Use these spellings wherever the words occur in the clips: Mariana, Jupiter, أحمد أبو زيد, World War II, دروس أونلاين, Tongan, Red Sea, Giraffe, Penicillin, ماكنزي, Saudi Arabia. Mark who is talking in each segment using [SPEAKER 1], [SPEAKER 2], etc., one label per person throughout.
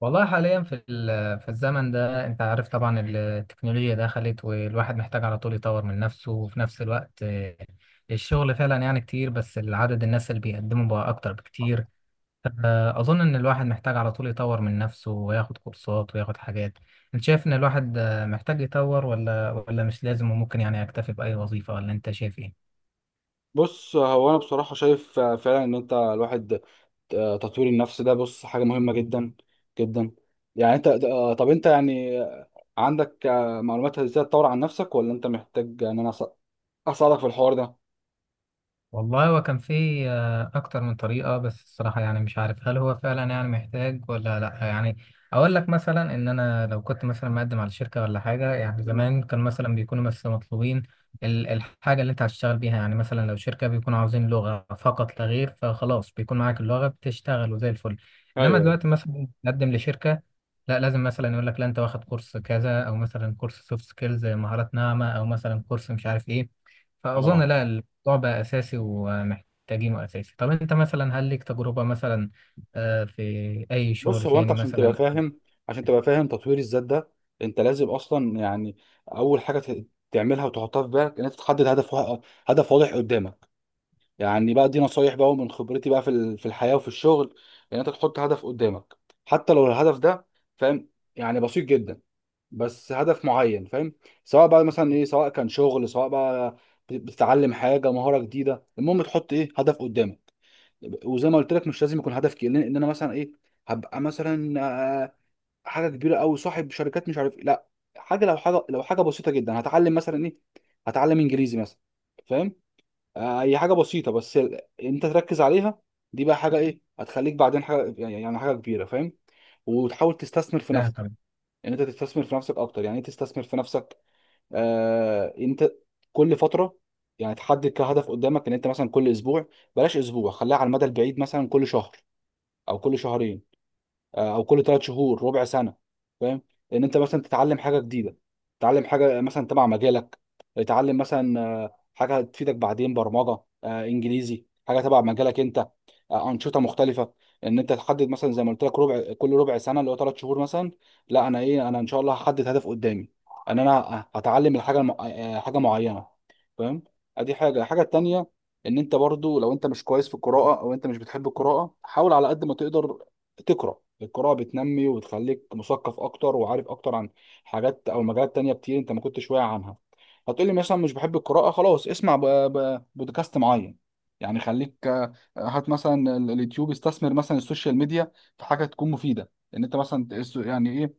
[SPEAKER 1] والله حاليا في في الزمن ده انت عارف طبعا، التكنولوجيا دخلت والواحد محتاج على طول يطور من نفسه، وفي نفس الوقت الشغل فعلا يعني كتير، بس العدد الناس اللي بيقدموا بقى اكتر بكتير. اظن ان الواحد محتاج على طول يطور من نفسه وياخد كورسات وياخد حاجات. انت شايف ان الواحد محتاج يطور ولا مش لازم وممكن يعني يكتفي بأي وظيفة، ولا انت شايف ايه؟
[SPEAKER 2] بص، هو انا بصراحه شايف فعلا ان انت الواحد، تطوير النفس ده بص حاجه مهمه جدا جدا. يعني انت، طب انت يعني عندك معلومات ازاي تطور عن نفسك، ولا انت محتاج ان انا اساعدك في الحوار ده؟
[SPEAKER 1] والله هو كان فيه أكتر من طريقة، بس الصراحة يعني مش عارف هل هو فعلا يعني محتاج ولا لأ. يعني أقول لك مثلا إن أنا لو كنت مثلا مقدم على شركة ولا حاجة، يعني
[SPEAKER 2] مم.
[SPEAKER 1] زمان كان مثلا بيكونوا بس مطلوبين الحاجة اللي أنت هتشتغل بيها. يعني مثلا لو شركة بيكونوا عاوزين لغة فقط لا غير، فخلاص بيكون معاك اللغة بتشتغل وزي الفل. إنما
[SPEAKER 2] ايوه، ايوه.
[SPEAKER 1] دلوقتي مثلا تقدم لشركة، لا لازم مثلا يقول لك لا أنت واخد كورس كذا، أو مثلا كورس سوفت سكيلز مهارات ناعمة، أو مثلا كورس مش عارف إيه. فأظن
[SPEAKER 2] اه،
[SPEAKER 1] لا، الموضوع بقى أساسي ومحتاجينه أساسي. طب أنت مثلا هل ليك تجربة مثلا في أي
[SPEAKER 2] بص،
[SPEAKER 1] شغل
[SPEAKER 2] هو انت
[SPEAKER 1] تاني
[SPEAKER 2] عشان تبقى
[SPEAKER 1] مثلا؟
[SPEAKER 2] فاهم، عشان تبقى فاهم تطوير الذات ده، انت لازم اصلا يعني اول حاجه تعملها وتحطها في بالك ان انت تحدد هدف هدف واضح قدامك. يعني بقى دي نصايح بقى، ومن خبرتي بقى في الحياة وفي الشغل، ان انت تحط هدف قدامك. حتى لو الهدف ده فاهم، يعني بسيط جدا، بس هدف معين فاهم. سواء بقى مثلا ايه، سواء كان شغل، سواء بقى بتتعلم حاجة، مهارة جديدة، المهم تحط ايه هدف قدامك. وزي ما قلت لك مش لازم يكون هدف كبير، لان إن انا مثلا ايه هبقى مثلا آه، حاجة كبيرة أوي، صاحب شركات، مش عارف إيه. لا، حاجة، لو حاجة، لو حاجة بسيطة جدا، هتعلم مثلا ايه، هتعلم انجليزي مثلا فاهم. اي حاجه بسيطه، بس انت تركز عليها. دي بقى حاجه ايه هتخليك بعدين حاجه، يعني يعني حاجه كبيره فاهم. وتحاول تستثمر في
[SPEAKER 1] لا
[SPEAKER 2] نفسك،
[SPEAKER 1] طبعا.
[SPEAKER 2] ان انت تستثمر في نفسك اكتر. يعني ايه تستثمر في نفسك؟ آه انت كل فتره يعني تحدد كهدف قدامك ان انت مثلا كل اسبوع، بلاش اسبوع، خليها على المدى البعيد، مثلا كل شهر او كل شهرين، او كل 3 شهور، ربع سنه فاهم، ان انت مثلا تتعلم حاجه جديده، تتعلم حاجه مثلا تبع مجالك، تتعلم مثلا حاجه تفيدك بعدين، برمجه، انجليزي، حاجه تبع مجالك انت، انشطه مختلفه. ان انت تحدد مثلا زي ما قلت لك ربع، كل ربع سنه اللي هو 3 شهور مثلا. لا انا ايه، انا ان شاء الله هحدد هدف قدامي ان انا هتعلم الحاجه الم... حاجه معينه فاهم. ادي حاجه. الحاجه التانيه ان انت برضو لو انت مش كويس في القراءه، او انت مش بتحب القراءه، حاول على قد ما تقدر تقرا. القراءة بتنمي وبتخليك مثقف أكتر وعارف أكتر عن حاجات أو مجالات تانية كتير أنت ما كنتش واعي عنها. هتقولي مثلا مش بحب القراءة، خلاص اسمع بودكاست معين. يعني خليك هات مثلا اليوتيوب، استثمر مثلا السوشيال ميديا في حاجة تكون مفيدة، إن أنت مثلا يعني إيه،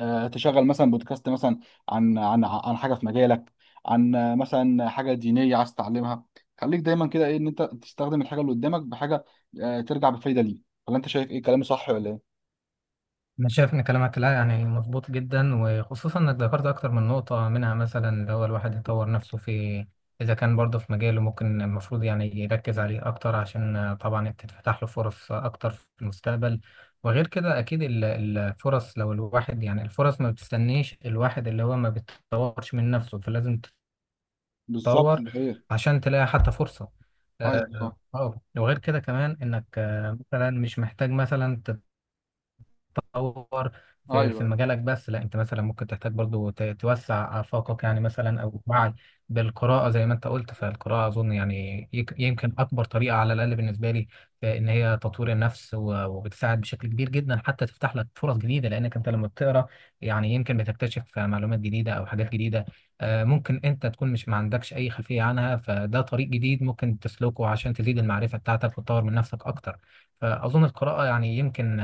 [SPEAKER 2] تشغل مثلا بودكاست مثلا عن حاجة في مجالك، عن مثلا حاجة دينية عايز تتعلمها. خليك دايما كده إيه، إن أنت تستخدم الحاجة اللي قدامك بحاجة ترجع بفايدة ليك. ولا أنت شايف إيه، كلامي صح ولا إيه؟
[SPEAKER 1] أنا شايف إن كلامك لا يعني مظبوط جدا، وخصوصا إنك ذكرت أكتر من نقطة، منها مثلا اللي هو الواحد يطور نفسه. في إذا كان برضه في مجاله ممكن المفروض يعني يركز عليه أكتر عشان طبعا تتفتح له فرص أكتر في المستقبل. وغير كده أكيد الفرص، لو الواحد يعني الفرص ما بتستنيش الواحد اللي هو ما بيتطورش من نفسه، فلازم
[SPEAKER 2] بالظبط
[SPEAKER 1] تطور
[SPEAKER 2] الحقيقة.
[SPEAKER 1] عشان تلاقي حتى فرصة.
[SPEAKER 2] ايوه
[SPEAKER 1] اه.
[SPEAKER 2] صح.
[SPEAKER 1] وغير كده كمان انك مثلا مش محتاج مثلا تطور في
[SPEAKER 2] ايوه.
[SPEAKER 1] مجالك بس، لا انت مثلا ممكن تحتاج برضو توسع آفاقك، يعني مثلا او وعي بالقراءة زي ما انت قلت. فالقراءة اظن يعني يمكن اكبر طريقة على الاقل بالنسبة لي في ان هي تطوير النفس، وبتساعد بشكل كبير جدا حتى تفتح لك فرص جديدة، لانك انت لما بتقرا يعني يمكن بتكتشف معلومات جديدة او حاجات جديدة. ممكن انت تكون مش ما عندكش اي خلفية عنها، فده طريق جديد ممكن تسلكه عشان تزيد المعرفة بتاعتك وتطور من نفسك اكتر. فاظن القراءة يعني يمكن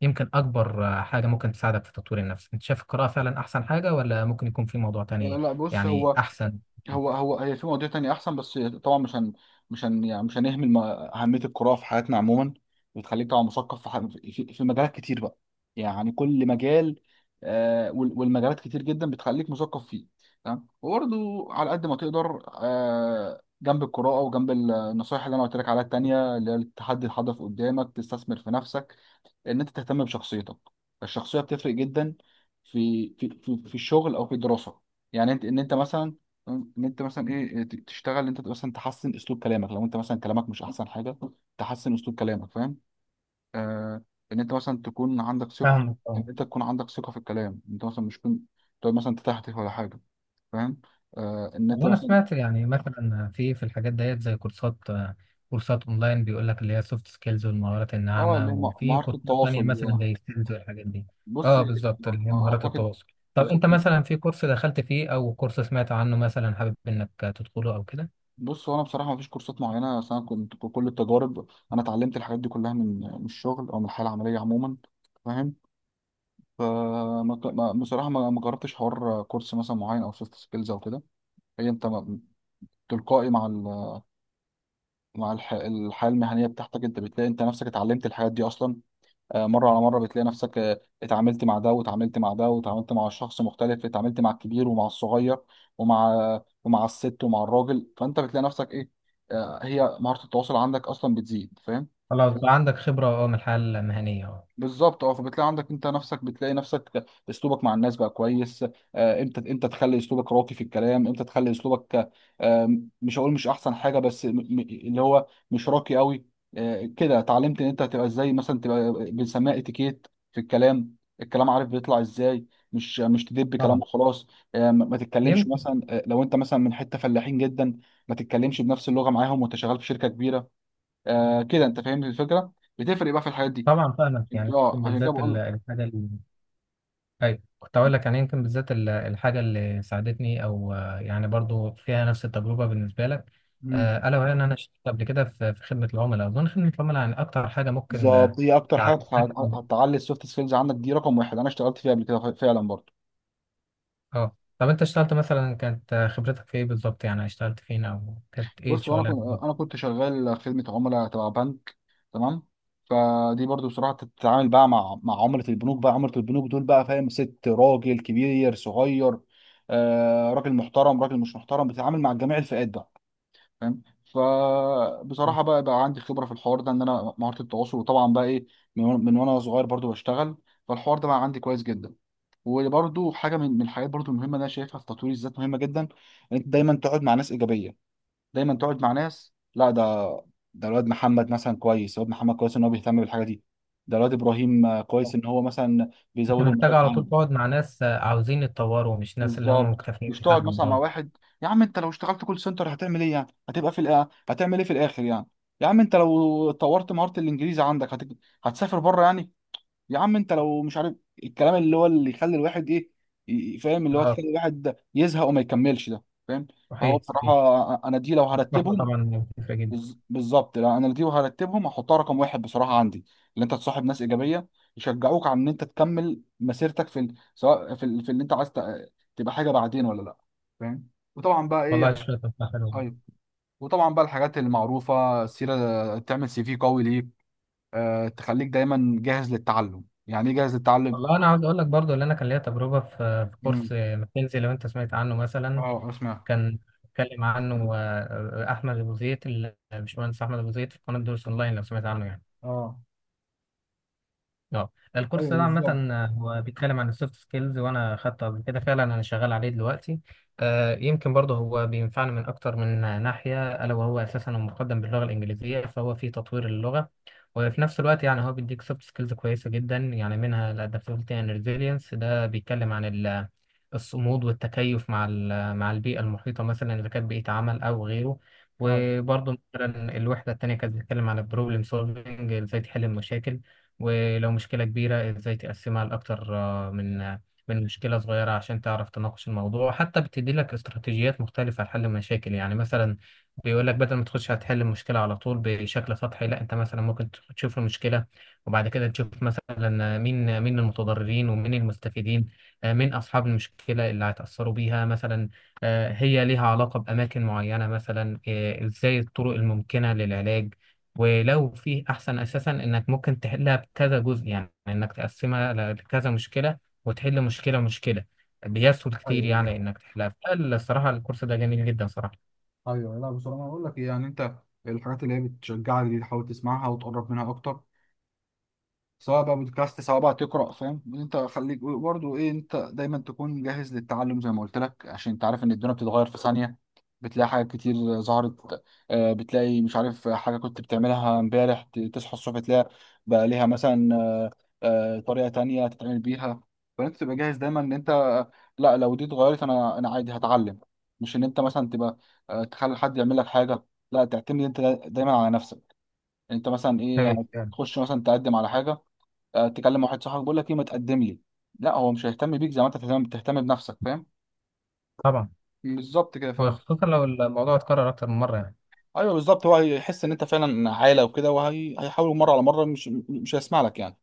[SPEAKER 1] يمكن أكبر حاجة ممكن تساعدك في تطوير النفس. أنت شايف القراءة فعلا أحسن حاجة، ولا ممكن يكون في موضوع
[SPEAKER 2] أيوة.
[SPEAKER 1] تاني
[SPEAKER 2] لا، بص
[SPEAKER 1] يعني
[SPEAKER 2] هو،
[SPEAKER 1] أحسن؟
[SPEAKER 2] هو هي في مواضيع تانية أحسن، بس طبعا مش هن، يعني مش هنهمل أهمية القراءة في حياتنا عموما. بتخليك طبعا مثقف في مجالات كتير بقى، يعني كل مجال، والمجالات كتير جدا بتخليك مثقف فيه. تمام. وبرضه على قد ما تقدر، جنب القراءة وجنب النصائح اللي أنا قلت لك عليها التانية، اللي هي التحدي، الحدث قدامك، تستثمر في نفسك، إن أنت تهتم بشخصيتك. الشخصية بتفرق جدا في في, الشغل أو في الدراسة. يعني انت ان انت مثلا، ان انت مثلا ايه، إيه، تشتغل انت مثلا تحسن اسلوب كلامك. لو انت مثلا كلامك مش احسن حاجه، تحسن اسلوب كلامك فاهم. آه ان انت مثلا تكون عندك ثقه في...
[SPEAKER 1] فاهمك
[SPEAKER 2] ان
[SPEAKER 1] اه.
[SPEAKER 2] انت تكون عندك ثقه في الكلام، انت مثلا مش تكون تقعد مثلا تتهته ولا حاجه فاهم. ان انت
[SPEAKER 1] وانا
[SPEAKER 2] مثلا،
[SPEAKER 1] سمعت يعني مثلا في الحاجات ديت زي كورسات، كورسات اونلاين بيقول لك اللي هي سوفت سكيلز والمهارات
[SPEAKER 2] اه، اللي
[SPEAKER 1] الناعمه،
[SPEAKER 2] هي
[SPEAKER 1] وفي
[SPEAKER 2] مهاره
[SPEAKER 1] كورسات تانية
[SPEAKER 2] التواصل دي.
[SPEAKER 1] مثلا
[SPEAKER 2] اه،
[SPEAKER 1] زي سكيلز والحاجات دي.
[SPEAKER 2] بص،
[SPEAKER 1] اه بالظبط، اللي هي مهارات
[SPEAKER 2] اعتقد،
[SPEAKER 1] التواصل. طب انت
[SPEAKER 2] بالظبط.
[SPEAKER 1] مثلا في كورس دخلت فيه او كورس سمعت عنه مثلا حابب انك تدخله او كده؟
[SPEAKER 2] بص هو انا بصراحه ما فيش كورسات معينه، بس انا كنت كل التجارب، انا اتعلمت الحاجات دي كلها من الشغل او من الحياه العمليه عموما فاهم. فما بصراحة ما جربتش حوار كورس مثلا معين أو سوفت سكيلز أو كده. هي أنت ما- تلقائي مع مع الحياة المهنية بتاعتك، أنت بتلاقي أنت نفسك اتعلمت الحاجات دي أصلا. مرة على مرة بتلاقي نفسك، اتعاملت مع ده، واتعاملت مع ده، واتعاملت مع شخص مختلف، اتعاملت مع الكبير ومع الصغير، ومع ومع الست ومع الراجل. فأنت بتلاقي نفسك إيه، هي مهارة التواصل عندك أصلا بتزيد فاهم.
[SPEAKER 1] خلاص بقى عندك خبره اه، من الحياه المهنيه اه.
[SPEAKER 2] بالظبط. اه. فبتلاقي عندك انت نفسك، بتلاقي نفسك اسلوبك مع الناس بقى كويس. امتى، امتى تخلي اسلوبك راقي في الكلام، امتى تخلي اسلوبك، مش هقول مش احسن حاجه، بس اللي هو مش راقي قوي. كده اتعلمت ان انت هتبقى ازاي، مثلا تبقى بنسميها اتيكيت في الكلام، الكلام عارف بيطلع ازاي، مش تدب كلام
[SPEAKER 1] طبعا
[SPEAKER 2] وخلاص. ما تتكلمش
[SPEAKER 1] يمكن.
[SPEAKER 2] مثلا، لو انت مثلا من حته فلاحين جدا، ما تتكلمش بنفس اللغه معاهم وانت شغال في شركه كبيره. كده انت فاهم الفكره، بتفرق بقى في الحاجات دي.
[SPEAKER 1] طبعا فاهمك يعني
[SPEAKER 2] اه
[SPEAKER 1] يمكن
[SPEAKER 2] عشان كده
[SPEAKER 1] بالذات
[SPEAKER 2] بقول لك.
[SPEAKER 1] الحاجه اللي، ايوه كنت اقول لك، يعني يمكن بالذات الحاجه اللي ساعدتني، او يعني برضو فيها نفس التجربه بالنسبه لك،
[SPEAKER 2] مم.
[SPEAKER 1] الا وهي ان انا اشتغلت قبل كده في خدمه العملاء. اظن خدمه العملاء يعني اكتر حاجه ممكن
[SPEAKER 2] بالظبط، هي اكتر حاجه
[SPEAKER 1] تعلمك.
[SPEAKER 2] هتعلي السوفت سكيلز عندك دي رقم واحد. انا اشتغلت فيها قبل كده، فعلا برضه.
[SPEAKER 1] اه، طب انت اشتغلت مثلا كانت خبرتك في ايه بالظبط؟ يعني اشتغلت فين او كانت ايه
[SPEAKER 2] بص انا
[SPEAKER 1] الشغلانه
[SPEAKER 2] كنت،
[SPEAKER 1] بالظبط؟
[SPEAKER 2] انا كنت شغال خدمه عملاء تبع بنك. تمام. فدي برضه بصراحه تتعامل بقى مع عملاء البنوك بقى، عملاء البنوك دول بقى فاهم، ست، راجل، كبير، صغير، آه، راجل محترم، راجل مش محترم، بتتعامل مع جميع الفئات بقى فاهم. فبصراحه بقى عندي خبره في الحوار ده، ان انا مهاره التواصل، وطبعا بقى ايه، من وانا صغير برضو بشتغل، فالحوار ده بقى عندي كويس جدا. وبرضو حاجه من الحاجات برضو المهمه اللي انا شايفها في تطوير الذات، مهمه جدا، ان انت دايما تقعد مع ناس ايجابيه. دايما تقعد مع ناس، لا، ده، ده الواد محمد مثلا كويس، الواد محمد كويس ان هو بيهتم بالحاجه دي، ده الواد ابراهيم كويس ان هو مثلا
[SPEAKER 1] انت
[SPEAKER 2] بيزود
[SPEAKER 1] محتاج
[SPEAKER 2] المواد.
[SPEAKER 1] على طول تقعد مع ناس عاوزين يتطوروا، مش ناس اللي هم
[SPEAKER 2] بالظبط.
[SPEAKER 1] مكتفيين
[SPEAKER 2] مش تقعد
[SPEAKER 1] بحالهم
[SPEAKER 2] مثلا مع
[SPEAKER 1] اه.
[SPEAKER 2] واحد، يا عم انت لو اشتغلت كول سنتر هتعمل ايه يعني، هتبقى في الآ... هتعمل ايه في الاخر يعني، يا عم انت لو طورت مهارة الانجليزي عندك هت... هتسافر بره يعني، يا عم انت لو مش عارف، الكلام اللي هو اللي يخلي الواحد ايه، فاهم، اللي هو
[SPEAKER 1] اه
[SPEAKER 2] تخلي الواحد يزهق وما يكملش ده فاهم. فهو
[SPEAKER 1] صحيح صحيح.
[SPEAKER 2] بصراحة انا دي لو
[SPEAKER 1] الصحبه
[SPEAKER 2] هرتبهم،
[SPEAKER 1] طبعا مفيده جدا.
[SPEAKER 2] بالظبط، لا انا دي وهرتبهم هحطها رقم واحد بصراحه عندي، اللي انت تصاحب ناس ايجابيه يشجعوك على ان انت تكمل مسيرتك في ال... سواء في اللي انت عايز تبقى حاجه بعدين ولا لا فاهم. وطبعا بقى ايه.
[SPEAKER 1] والله شوية أفكار حلوة.
[SPEAKER 2] ايوه. وطبعا بقى الحاجات المعروفه، سيره تعمل سي في قوي ليك، أه... تخليك دايما جاهز للتعلم. يعني ايه جاهز للتعلم.
[SPEAKER 1] والله أنا عاوز أقول لك برضو اللي أنا كان ليا تجربة في في كورس
[SPEAKER 2] امم.
[SPEAKER 1] ماكنزي، لو أنت سمعت عنه مثلا.
[SPEAKER 2] اه اسمع.
[SPEAKER 1] كان اتكلم عنه أحمد أبو زيد، الباشمهندس أحمد أبو زيد في قناة دروس أونلاين، لو سمعت عنه يعني.
[SPEAKER 2] اه.
[SPEAKER 1] اه. الكورس
[SPEAKER 2] ايوه
[SPEAKER 1] ده عامة
[SPEAKER 2] بالظبط.
[SPEAKER 1] هو بيتكلم عن السوفت سكيلز، وانا خدته قبل كده، فعلا انا شغال عليه دلوقتي. آه يمكن برضه هو بينفعني من اكتر من ناحية، الا وهو اساسا مقدم باللغة الانجليزية، فهو في تطوير اللغة، وفي نفس الوقت يعني هو بيديك سوفت سكيلز كويسة جدا. يعني منها الادابتability and resilience، ده بيتكلم عن الصمود والتكيف مع ال- مع البيئة المحيطة، مثلا اذا كانت بيئة عمل او غيره.
[SPEAKER 2] لا.
[SPEAKER 1] وبرضه مثلا الوحدة التانية كانت بتتكلم عن البروبلم سولفنج، ازاي تحل المشاكل، ولو مشكلة كبيرة ازاي تقسمها لأكتر من من مشكلة صغيرة عشان تعرف تناقش الموضوع. حتى بتدي لك استراتيجيات مختلفة لحل المشاكل، يعني مثلا بيقول لك بدل ما تخش هتحل المشكلة على طول بشكل سطحي، لا انت مثلا ممكن تشوف المشكلة وبعد كده تشوف مثلا مين المتضررين ومين المستفيدين، مين أصحاب المشكلة اللي هيتأثروا بيها مثلا، هي ليها علاقة بأماكن معينة مثلا، ازاي الطرق الممكنة للعلاج، ولو في احسن اساسا انك ممكن تحلها بكذا جزء، يعني انك تقسمها لكذا مشكله وتحل مشكله مشكله، بيسهل كتير يعني
[SPEAKER 2] ايوه،
[SPEAKER 1] انك تحلها. فالصراحه الكورس ده جميل جدا صراحه.
[SPEAKER 2] ايوه. لا بصراحه انا اقول لك إيه، يعني انت الحاجات اللي هي بتشجعك دي تحاول تسمعها وتقرب منها اكتر، سواء بقى بودكاست سواء بقى تقرا فاهم. انت خليك برضو ايه، انت دايما تكون جاهز للتعلم زي ما قلت لك، عشان انت عارف ان الدنيا بتتغير في ثانيه، بتلاقي حاجات كتير ظهرت، بتلاقي مش عارف حاجه كنت بتعملها امبارح، تصحى الصبح تلاقي بقى ليها مثلا طريقه تانية تتعمل بيها. فانت تبقى جاهز دايما ان انت، لا لو دي اتغيرت انا عادي هتعلم. مش ان انت مثلا تبقى تخلي حد يعمل لك حاجه، لا تعتمد انت دايما على نفسك. انت مثلا ايه
[SPEAKER 1] حلو يعني.
[SPEAKER 2] هتخش مثلا تقدم على حاجه، تكلم واحد صاحبك بيقول لك ايه ما تقدم لي، لا هو مش هيهتم بيك زي ما انت تهتم، بنفسك فاهم.
[SPEAKER 1] طبعا.
[SPEAKER 2] بالظبط كده ف.
[SPEAKER 1] وخصوصا لو الموضوع اتكرر اكتر من مره يعني.
[SPEAKER 2] ايوه بالظبط، هو هيحس ان انت فعلا عاله وكده، وهيحاول مره على مره، مش هيسمع لك يعني.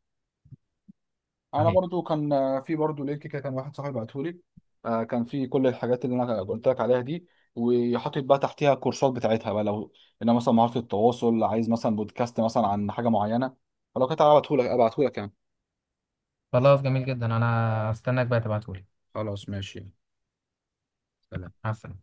[SPEAKER 2] انا
[SPEAKER 1] صحيح.
[SPEAKER 2] برضو كان في برضو لينك كده كان واحد صاحبي بعته لي، كان في كل الحاجات اللي انا قلت لك عليها دي، وحاطط بقى تحتيها الكورسات بتاعتها بقى، لو انا مثلا مهاره التواصل عايز مثلا بودكاست مثلا عن حاجه معينه. فلو كنت هبعته لك ابعته لك يعني.
[SPEAKER 1] خلاص جميل جدا، انا استناك بقى تبعتهولي.
[SPEAKER 2] خلاص ماشي. سلام.
[SPEAKER 1] مع السلامه.